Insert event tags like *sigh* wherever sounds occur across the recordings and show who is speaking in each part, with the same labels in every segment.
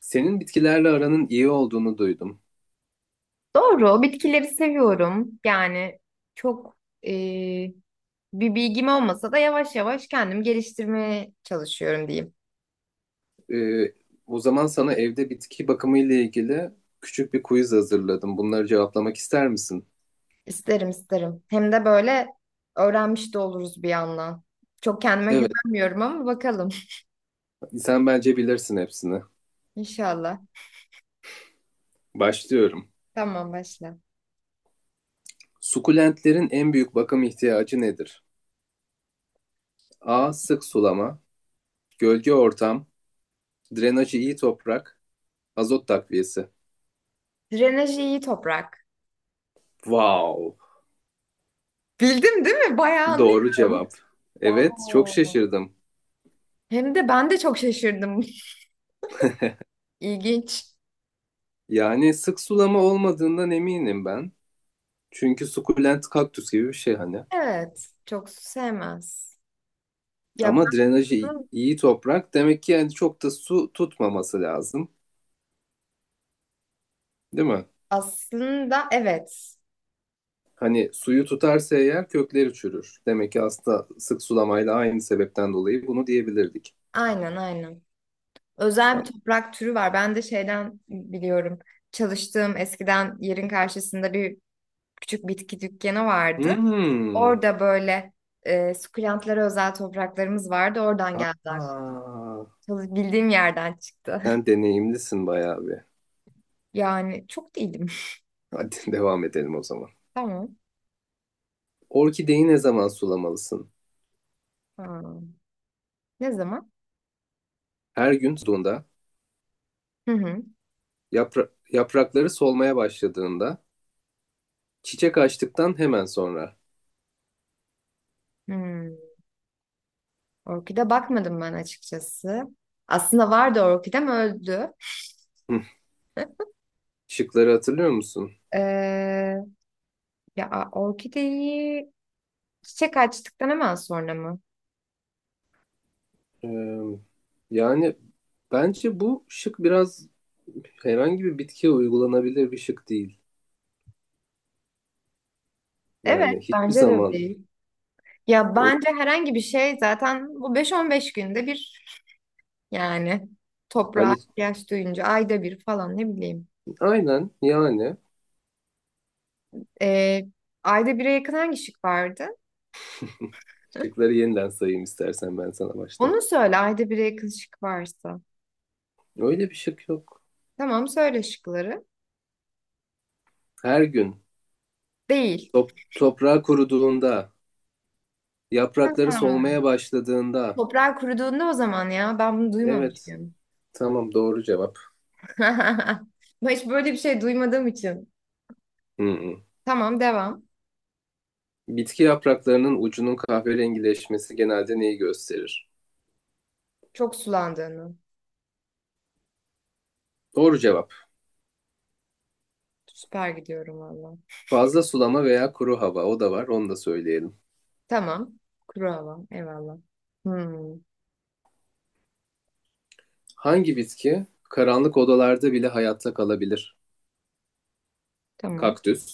Speaker 1: Senin bitkilerle aranın iyi olduğunu duydum.
Speaker 2: Doğru, bitkileri seviyorum. Yani çok eee, bir bilgim olmasa da yavaş yavaş kendim geliştirmeye çalışıyorum diyeyim.
Speaker 1: Ee, O zaman sana evde bitki bakımı ile ilgili küçük bir quiz hazırladım. Bunları cevaplamak ister misin?
Speaker 2: İsterim isterim. Hem de böyle öğrenmiş de oluruz bir yandan. Çok kendime
Speaker 1: Evet,
Speaker 2: güvenmiyorum ama bakalım.
Speaker 1: sen bence bilirsin hepsini.
Speaker 2: *laughs* İnşallah.
Speaker 1: Başlıyorum.
Speaker 2: Tamam başla.
Speaker 1: Sukulentlerin en büyük bakım ihtiyacı nedir? A. Sık sulama, gölge ortam, drenajı iyi toprak, azot takviyesi.
Speaker 2: Drenajı iyi toprak.
Speaker 1: Wow!
Speaker 2: Bildim değil mi? Bayağı
Speaker 1: Doğru
Speaker 2: anlıyorum.
Speaker 1: cevap. Evet, çok
Speaker 2: Wow.
Speaker 1: şaşırdım.
Speaker 2: Hem de ben de çok şaşırdım. *laughs* İlginç.
Speaker 1: Yani sık sulama olmadığından eminim ben. Çünkü sukulent kaktüs gibi bir şey hani.
Speaker 2: Evet, çok su sevmez. Ya ben
Speaker 1: Ama drenajı
Speaker 2: bunu
Speaker 1: iyi toprak demek ki yani çok da su tutmaması lazım, değil mi?
Speaker 2: Aslında evet.
Speaker 1: Hani suyu tutarsa eğer kökleri çürür. Demek ki aslında sık sulamayla aynı sebepten dolayı bunu diyebilirdik.
Speaker 2: Aynen aynen. Özel bir
Speaker 1: Tamam.
Speaker 2: toprak türü var. Ben de şeyden biliyorum. Çalıştığım eskiden yerin karşısında bir küçük bitki dükkanı vardı.
Speaker 1: Hmm.
Speaker 2: Orada böyle sukulentlara özel topraklarımız vardı. Oradan geldi aklıma.
Speaker 1: Aa,
Speaker 2: Bildiğim yerden çıktı.
Speaker 1: sen deneyimlisin bayağı bir.
Speaker 2: *laughs* Yani çok değilim.
Speaker 1: Hadi *laughs* devam edelim o zaman.
Speaker 2: *laughs* Tamam.
Speaker 1: Orkideyi ne zaman sulamalısın?
Speaker 2: Ha, ne zaman?
Speaker 1: Her gün suladuğunda,
Speaker 2: Hı hı.
Speaker 1: yaprakları solmaya başladığında, çiçek açtıktan hemen sonra.
Speaker 2: Hmm. Orkide bakmadım ben açıkçası. Aslında vardı, orkidem öldü.
Speaker 1: Hı, şıkları hatırlıyor musun?
Speaker 2: Ee, ya orkideyi Çiçek açtıktan hemen sonra mı?
Speaker 1: Ee, Yani bence bu şık biraz herhangi bir bitkiye uygulanabilir bir şık değil.
Speaker 2: Evet,
Speaker 1: Yani hiçbir
Speaker 2: bence de
Speaker 1: zaman
Speaker 2: değil. Ya
Speaker 1: o,
Speaker 2: bence herhangi bir şey zaten bu beş on beş günde bir yani toprağa
Speaker 1: hani
Speaker 2: ihtiyaç duyunca ayda bir falan ne bileyim.
Speaker 1: aynen yani.
Speaker 2: Ee, ayda bire yakın hangi şık vardı?
Speaker 1: *laughs*
Speaker 2: *laughs*
Speaker 1: Şıkları yeniden sayayım istersen ben sana baştan.
Speaker 2: Onu söyle, ayda bire yakın şık varsa.
Speaker 1: Öyle bir şık yok.
Speaker 2: Tamam, söyle şıkları.
Speaker 1: Her gün,
Speaker 2: Değil.
Speaker 1: toprağı kuruduğunda, yaprakları
Speaker 2: Ha.
Speaker 1: solmaya başladığında.
Speaker 2: Toprağa kuruduğunda o zaman, ya ben bunu
Speaker 1: Evet,
Speaker 2: duymamışım.
Speaker 1: tamam, doğru cevap.
Speaker 2: *laughs* Ben hiç böyle bir şey duymadığım için.
Speaker 1: Hı hı.
Speaker 2: Tamam, devam.
Speaker 1: Bitki yapraklarının ucunun kahverengileşmesi genelde neyi gösterir?
Speaker 2: Çok sulandığını.
Speaker 1: Doğru cevap.
Speaker 2: Süper gidiyorum valla.
Speaker 1: Fazla sulama veya kuru hava, o da var, onu da söyleyelim.
Speaker 2: Tamam. Kuru hava. Eyvallah. Hmm,
Speaker 1: Hangi bitki karanlık odalarda bile hayatta kalabilir?
Speaker 2: tamam.
Speaker 1: Kaktüs,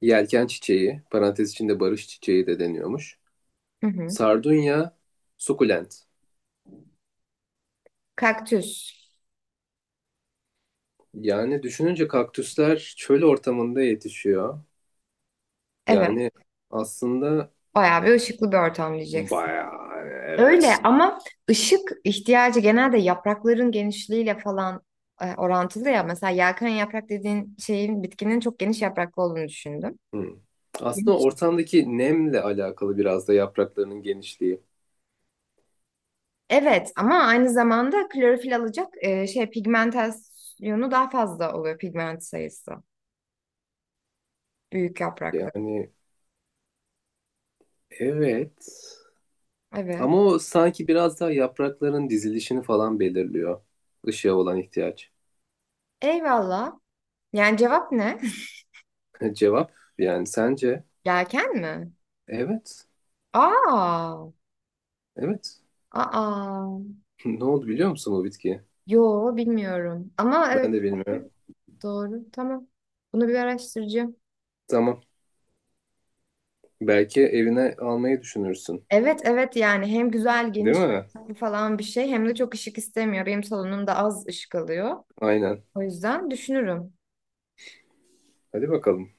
Speaker 1: yelken çiçeği, parantez içinde barış çiçeği de deniyormuş.
Speaker 2: Hı hı.
Speaker 1: Sardunya, sukulent.
Speaker 2: Kaktüs.
Speaker 1: Yani düşününce kaktüsler çöl ortamında yetişiyor.
Speaker 2: Evet.
Speaker 1: Yani aslında
Speaker 2: Bayağı bir ışıklı bir ortam diyeceksin.
Speaker 1: bayağı
Speaker 2: Öyle
Speaker 1: evet.
Speaker 2: ama ışık ihtiyacı genelde yaprakların genişliğiyle falan orantılı ya. Mesela yelken yaprak dediğin şeyin, bitkinin çok geniş yapraklı olduğunu düşündüm.
Speaker 1: Hmm. Aslında
Speaker 2: Geniş.
Speaker 1: ortamdaki nemle alakalı biraz da yapraklarının genişliği.
Speaker 2: Evet ama aynı zamanda klorofil alacak pigmentasyonu daha fazla oluyor, pigment sayısı. Büyük yapraklı.
Speaker 1: Yani evet.
Speaker 2: Evet.
Speaker 1: Ama o sanki biraz daha yaprakların dizilişini falan belirliyor. Işığa olan ihtiyaç.
Speaker 2: Eyvallah. Yani cevap ne?
Speaker 1: *laughs* Cevap, yani sence?
Speaker 2: *laughs* Yelken mi?
Speaker 1: Evet.
Speaker 2: Aa,
Speaker 1: Evet.
Speaker 2: aa.
Speaker 1: *laughs* Ne oldu biliyor musun bu bitkiyi?
Speaker 2: Yo, bilmiyorum. Ama evet,
Speaker 1: Ben de bilmiyorum.
Speaker 2: doğru. Tamam. Bunu bir araştıracağım.
Speaker 1: Tamam. Belki evine almayı düşünürsün.
Speaker 2: Evet evet, yani hem güzel
Speaker 1: Değil
Speaker 2: geniş
Speaker 1: mi?
Speaker 2: falan bir şey, hem de çok ışık istemiyor. Benim salonumda az ışık alıyor.
Speaker 1: Aynen.
Speaker 2: O yüzden düşünürüm.
Speaker 1: Hadi bakalım.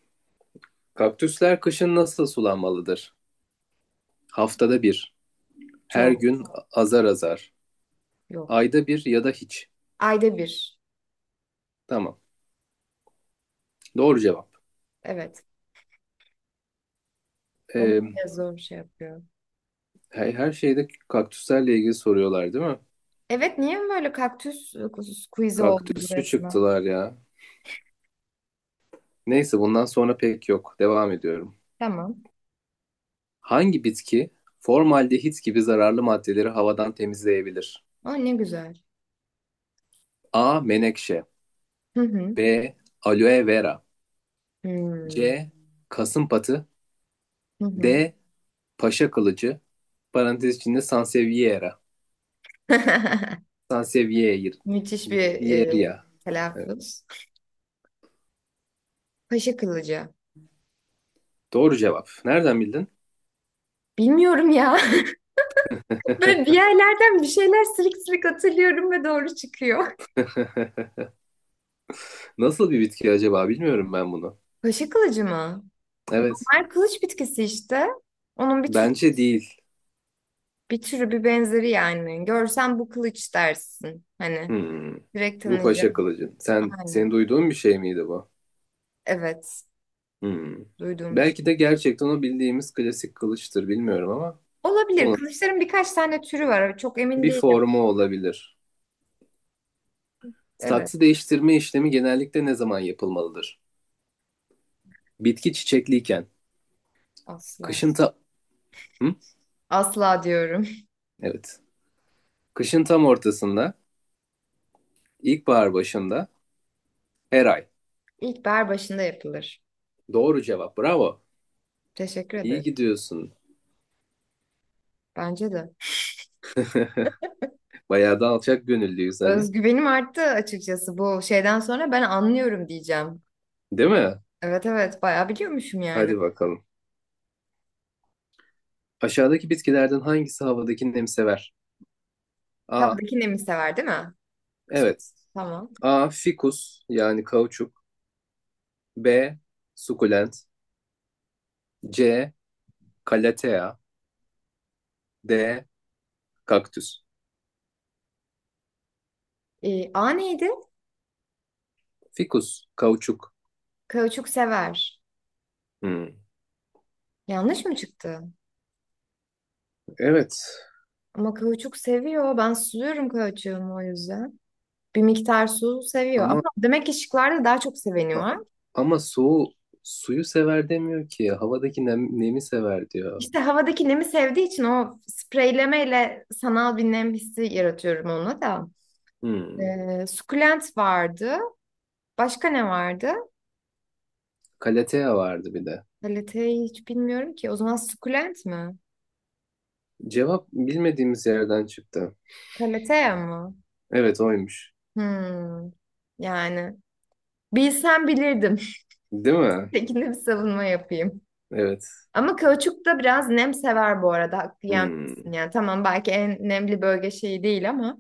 Speaker 1: Kaktüsler kışın nasıl sulanmalıdır? Haftada bir. Her
Speaker 2: Çok
Speaker 1: gün azar azar.
Speaker 2: yok.
Speaker 1: Ayda bir ya da hiç.
Speaker 2: Ayda bir.
Speaker 1: Tamam. Doğru cevap.
Speaker 2: Evet. Onu
Speaker 1: Ee,
Speaker 2: bile zor şey yapıyor.
Speaker 1: Her şeyde kaktüslerle ilgili soruyorlar değil mi?
Speaker 2: Evet, niye böyle kaktüs quiz'i oldu
Speaker 1: Kaktüsçü
Speaker 2: burasına?
Speaker 1: çıktılar ya. Neyse bundan sonra pek yok. Devam ediyorum.
Speaker 2: Tamam.
Speaker 1: Hangi bitki formaldehit gibi zararlı maddeleri havadan temizleyebilir?
Speaker 2: Aa ne güzel.
Speaker 1: A. Menekşe.
Speaker 2: Hı hı.
Speaker 1: B. Aloe vera.
Speaker 2: Hmm.
Speaker 1: C. Kasımpatı.
Speaker 2: Hı hı.
Speaker 1: D. Paşa kılıcı, parantez içinde sansevieria.
Speaker 2: *laughs*
Speaker 1: Sansevieria.
Speaker 2: Müthiş bir telaffuz. Paşa kılıcı.
Speaker 1: Doğru cevap. Nereden bildin?
Speaker 2: Bilmiyorum ya. *laughs* Böyle bir yerlerden bir şeyler silik silik hatırlıyorum ve doğru çıkıyor.
Speaker 1: Nasıl bir bitki acaba, bilmiyorum ben bunu.
Speaker 2: Paşa kılıcı mı?
Speaker 1: Evet.
Speaker 2: Mer kılıç bitkisi işte. Onun bir tür
Speaker 1: Bence değil.
Speaker 2: Bir türü, bir benzeri yani. Görsen bu kılıç dersin. Hani
Speaker 1: Hmm.
Speaker 2: direkt
Speaker 1: Bu paşa
Speaker 2: tanıyacağım.
Speaker 1: kılıcı. Senin
Speaker 2: Aynen.
Speaker 1: duyduğun bir şey miydi bu?
Speaker 2: Evet.
Speaker 1: Hmm.
Speaker 2: Duyduğum bir
Speaker 1: Belki de
Speaker 2: şey.
Speaker 1: gerçekten o bildiğimiz klasik kılıçtır bilmiyorum ama
Speaker 2: Olabilir.
Speaker 1: onun
Speaker 2: Kılıçların birkaç tane türü var. Çok emin
Speaker 1: bir
Speaker 2: değilim.
Speaker 1: formu olabilir.
Speaker 2: Evet.
Speaker 1: Saksı değiştirme işlemi genellikle ne zaman yapılmalıdır? Bitki çiçekliyken,
Speaker 2: Asla.
Speaker 1: kışın ta Hı?
Speaker 2: Asla diyorum.
Speaker 1: Evet. Kışın tam ortasında, ilkbahar başında, her ay.
Speaker 2: *laughs* İlkbahar başında yapılır.
Speaker 1: Doğru cevap. Bravo.
Speaker 2: Teşekkür
Speaker 1: İyi
Speaker 2: ederim.
Speaker 1: gidiyorsun.
Speaker 2: Bence de.
Speaker 1: *laughs* Bayağı da alçak gönüllüyüz hani.
Speaker 2: Özgüvenim arttı açıkçası, bu şeyden sonra ben anlıyorum diyeceğim.
Speaker 1: Değil mi?
Speaker 2: Evet evet, bayağı biliyormuşum yani.
Speaker 1: Hadi bakalım. Aşağıdaki bitkilerden hangisi havadaki nemi sever? A.
Speaker 2: Kabadaki nemi sever değil mi? Su-
Speaker 1: Evet.
Speaker 2: Tamam.
Speaker 1: A. Fikus, yani kauçuk. B. Sukulent. C. Kalatea. D. Kaktüs.
Speaker 2: A neydi?
Speaker 1: Fikus. Kauçuk.
Speaker 2: Kauçuk sever.
Speaker 1: Hmm.
Speaker 2: Yanlış mı çıktı?
Speaker 1: Evet.
Speaker 2: Ama kauçuk seviyor. Ben suluyorum kauçuğumu o yüzden. Bir miktar su seviyor.
Speaker 1: Ama
Speaker 2: Ama demek ki şıklarda daha çok seveni
Speaker 1: a-
Speaker 2: var.
Speaker 1: ama suyu sever demiyor ki. Havadaki nemi sever diyor.
Speaker 2: İşte havadaki nemi sevdiği için o spreylemeyle sanal bir nem hissi yaratıyorum ona da.
Speaker 1: Hmm.
Speaker 2: Sukulent vardı. Başka ne vardı?
Speaker 1: Calathea vardı bir de.
Speaker 2: Kaliteyi hiç bilmiyorum ki. O zaman sukulent mi?
Speaker 1: Cevap bilmediğimiz yerden çıktı.
Speaker 2: Kaliteye mı?
Speaker 1: Evet, oymuş.
Speaker 2: Hmm. Yani bilsem bilirdim.
Speaker 1: Değil
Speaker 2: *laughs*
Speaker 1: mi?
Speaker 2: Tekinde bir savunma yapayım.
Speaker 1: Evet.
Speaker 2: Ama kauçuk da biraz nem sever bu arada. Haklı yenmezsin
Speaker 1: Hmm.
Speaker 2: yani. Tamam, belki en nemli bölge şeyi değil ama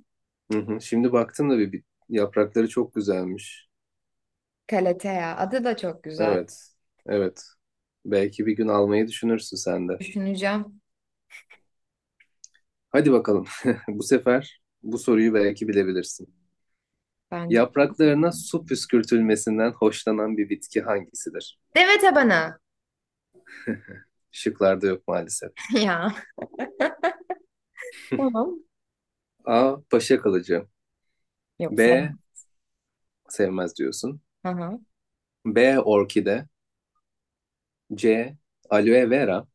Speaker 1: Hı hı. Şimdi baktım da bir yaprakları çok güzelmiş.
Speaker 2: kaletea. Adı da çok güzel.
Speaker 1: Evet. Evet. Belki bir gün almayı düşünürsün sen de.
Speaker 2: Düşüneceğim
Speaker 1: Hadi bakalım. *laughs* Bu sefer bu soruyu belki bilebilirsin.
Speaker 2: ben.
Speaker 1: Yapraklarına su püskürtülmesinden hoşlanan bir bitki hangisidir?
Speaker 2: Deve tabanı.
Speaker 1: Şıklarda yok maalesef.
Speaker 2: *laughs* Ya. Tamam.
Speaker 1: A. Paşa kalıcı.
Speaker 2: Yok,
Speaker 1: B.
Speaker 2: sevmem.
Speaker 1: Sevmez diyorsun.
Speaker 2: Hı hı.
Speaker 1: B. Orkide. C. Aloe vera.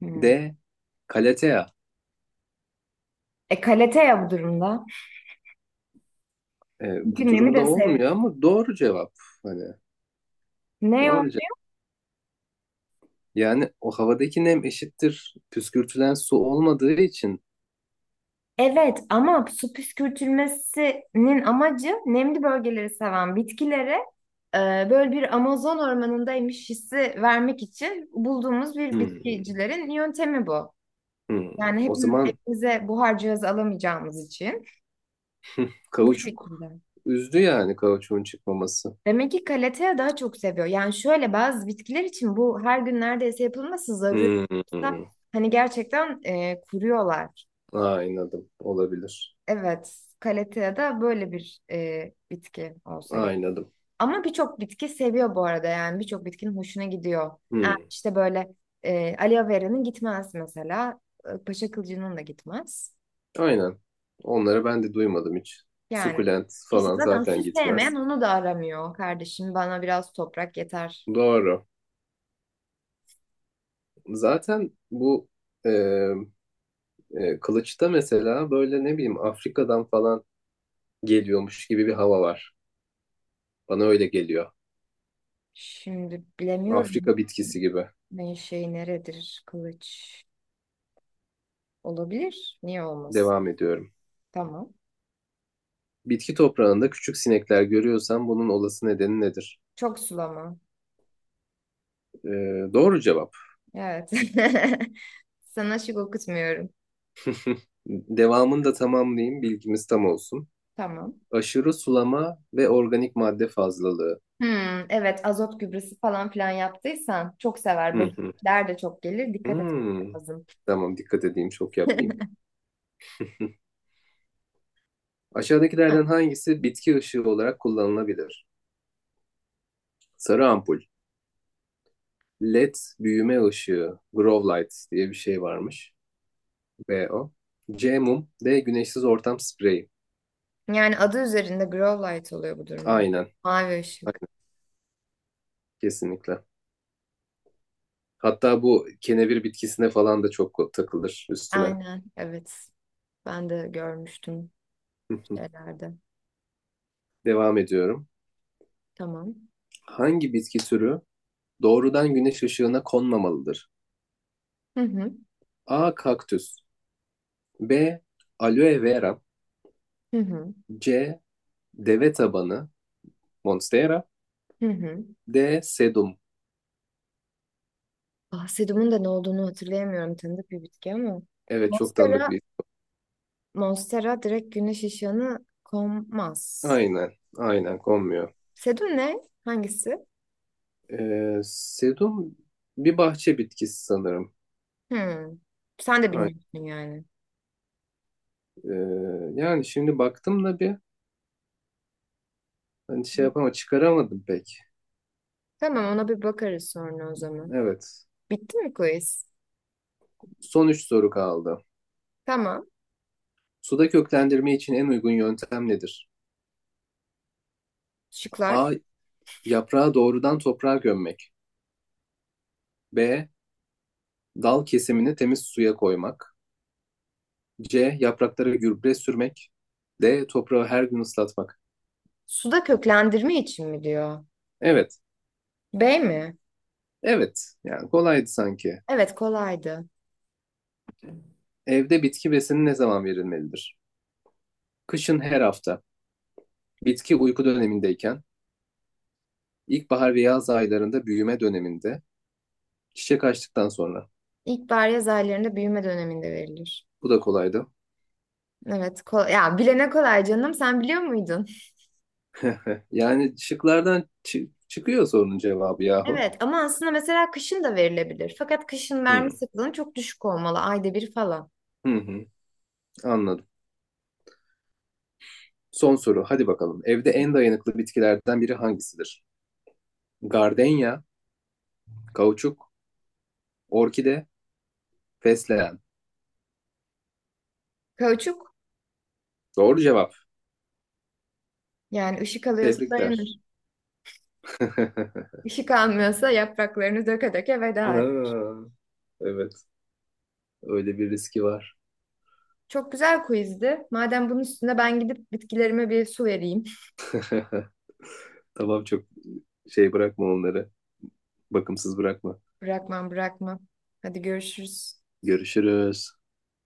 Speaker 2: Hmm.
Speaker 1: D. Kalatea.
Speaker 2: E kaletea bu durumda.
Speaker 1: Bu
Speaker 2: Çünkü nemi
Speaker 1: durumda
Speaker 2: de sev...
Speaker 1: olmuyor ama doğru cevap. Hani
Speaker 2: Ne o?
Speaker 1: doğru cevap. Yani o havadaki nem eşittir. Püskürtülen su olmadığı için.
Speaker 2: Evet ama su püskürtülmesinin amacı, nemli bölgeleri seven bitkilere böyle bir Amazon ormanındaymış hissi vermek için bulduğumuz bir
Speaker 1: Hmm,
Speaker 2: bitkicilerin yöntemi bu.
Speaker 1: hmm.
Speaker 2: Yani
Speaker 1: O
Speaker 2: hepimiz
Speaker 1: zaman
Speaker 2: evimize buhar cihazı alamayacağımız için bu
Speaker 1: kauçuk.
Speaker 2: şekilde.
Speaker 1: Üzdü yani kauçuğun çıkmaması.
Speaker 2: Demek ki kalatea daha çok seviyor. Yani şöyle, bazı bitkiler için bu her gün neredeyse yapılması zaruri.
Speaker 1: Hmm.
Speaker 2: Hani gerçekten kuruyorlar.
Speaker 1: Aynadım. Olabilir.
Speaker 2: Evet, kalatea da böyle bir bitki olsa gerek.
Speaker 1: Aynadım.
Speaker 2: Ama birçok bitki seviyor bu arada, yani birçok bitkinin hoşuna gidiyor. Yani
Speaker 1: Hmm.
Speaker 2: işte böyle aloe vera'nın gitmez mesela. Paşa kılıcının da gitmez.
Speaker 1: Aynen. Onları ben de duymadım hiç.
Speaker 2: Yani
Speaker 1: Sukulent
Speaker 2: işte
Speaker 1: falan
Speaker 2: zaten su
Speaker 1: zaten
Speaker 2: sevmeyen
Speaker 1: gitmez.
Speaker 2: onu da aramıyor kardeşim. Bana biraz toprak yeter.
Speaker 1: Doğru. Zaten bu e, kılıçta mesela böyle ne bileyim Afrika'dan falan geliyormuş gibi bir hava var. Bana öyle geliyor.
Speaker 2: Şimdi bilemiyorum
Speaker 1: Afrika bitkisi gibi.
Speaker 2: ne şey neredir kılıç. Olabilir. Niye olmaz?
Speaker 1: Devam ediyorum.
Speaker 2: Tamam.
Speaker 1: Bitki toprağında küçük sinekler görüyorsan bunun olası nedeni nedir?
Speaker 2: Çok sulama.
Speaker 1: E, doğru cevap.
Speaker 2: Evet. *laughs* Sana şık okutmuyorum.
Speaker 1: Devamını da tamamlayayım, bilgimiz tam olsun.
Speaker 2: Tamam.
Speaker 1: Aşırı sulama ve organik madde fazlalığı.
Speaker 2: Hmm, evet, azot gübresi falan filan yaptıysan çok sever.
Speaker 1: Hı hı.
Speaker 2: Böcekler de çok gelir. Dikkat etmek
Speaker 1: Hmm.
Speaker 2: lazım.
Speaker 1: Tamam, dikkat edeyim, çok yapmayayım. *laughs*
Speaker 2: Ha,
Speaker 1: Aşağıdakilerden hangisi bitki ışığı olarak kullanılabilir? Sarı ampul, LED büyüme ışığı, grow light diye bir şey varmış. B o. C mum, D güneşsiz ortam spreyi.
Speaker 2: yani adı üzerinde grow light oluyor bu durumda.
Speaker 1: Aynen,
Speaker 2: Mavi ışık.
Speaker 1: aynen, kesinlikle. Hatta bu kenevir bitkisine falan da çok takılır üstüne.
Speaker 2: Aynen evet. Ben de görmüştüm
Speaker 1: *laughs*
Speaker 2: şeylerde.
Speaker 1: Devam ediyorum.
Speaker 2: Tamam.
Speaker 1: Hangi bitki türü doğrudan güneş ışığına konmamalıdır?
Speaker 2: Hı hı.
Speaker 1: A. Kaktüs. B. Aloe vera.
Speaker 2: Hı hı.
Speaker 1: C. Deve tabanı, Monstera.
Speaker 2: Hı hı.
Speaker 1: D. Sedum.
Speaker 2: Ah, sedumun da ne olduğunu hatırlayamıyorum. Tanıdık bir bitki ama.
Speaker 1: Evet, çok tanıdık
Speaker 2: Monstera,
Speaker 1: bir
Speaker 2: Monstera direkt güneş ışığını kommaz.
Speaker 1: Aynen. Aynen konmuyor.
Speaker 2: Sedum ne? Hangisi?
Speaker 1: Sedum bir bahçe bitkisi sanırım.
Speaker 2: Hmm. Sen de
Speaker 1: Aynen.
Speaker 2: bilmiyorsun yani.
Speaker 1: Ee, Yani şimdi baktım da bir, hani şey yapama çıkaramadım pek.
Speaker 2: Tamam, ona bir bakarız sonra o zaman.
Speaker 1: Evet.
Speaker 2: Bitti mi quiz?
Speaker 1: Son üç soru kaldı.
Speaker 2: Tamam.
Speaker 1: Suda köklendirme için en uygun yöntem nedir? A.
Speaker 2: Şıklar.
Speaker 1: Yaprağı doğrudan toprağa gömmek. B. Dal kesimini temiz suya koymak. C. Yapraklara gübre sürmek. D. Toprağı her gün ıslatmak.
Speaker 2: Suda köklendirme için mi diyor?
Speaker 1: Evet.
Speaker 2: B mi?
Speaker 1: Evet. Yani kolaydı sanki.
Speaker 2: Evet kolaydı.
Speaker 1: Evde bitki besini ne zaman verilmelidir? Kışın her hafta. Bitki uyku dönemindeyken. İlkbahar ve yaz aylarında büyüme döneminde. Çiçek açtıktan sonra.
Speaker 2: İlkbahar yaz aylarında büyüme döneminde verilir.
Speaker 1: Bu da kolaydı.
Speaker 2: Evet, kol ya bilene kolay canım, sen biliyor muydun?
Speaker 1: *laughs* Yani şıklardan çıkıyor sorunun cevabı yahu.
Speaker 2: Evet ama aslında mesela kışın da verilebilir. Fakat kışın verme
Speaker 1: Hmm,
Speaker 2: sıklığının çok düşük olmalı. Ayda bir falan.
Speaker 1: hı hı, anladım. Son soru. Hadi bakalım. Evde en dayanıklı bitkilerden biri hangisidir? Gardenya, kauçuk, orkide, fesleğen.
Speaker 2: Kauçuk
Speaker 1: Doğru cevap.
Speaker 2: yani ışık alıyorsa
Speaker 1: Tebrikler.
Speaker 2: dayanır.
Speaker 1: *laughs*
Speaker 2: Işık almıyorsa yapraklarını döke döke veda.
Speaker 1: Ha, evet. Öyle bir riski var.
Speaker 2: Çok güzel quizdi. Madem bunun üstüne ben gidip bitkilerime bir su vereyim.
Speaker 1: *laughs* Tamam, çok şey bırakma onları. Bakımsız bırakma.
Speaker 2: *laughs* Bırakmam bırakmam. Hadi görüşürüz.
Speaker 1: Görüşürüz.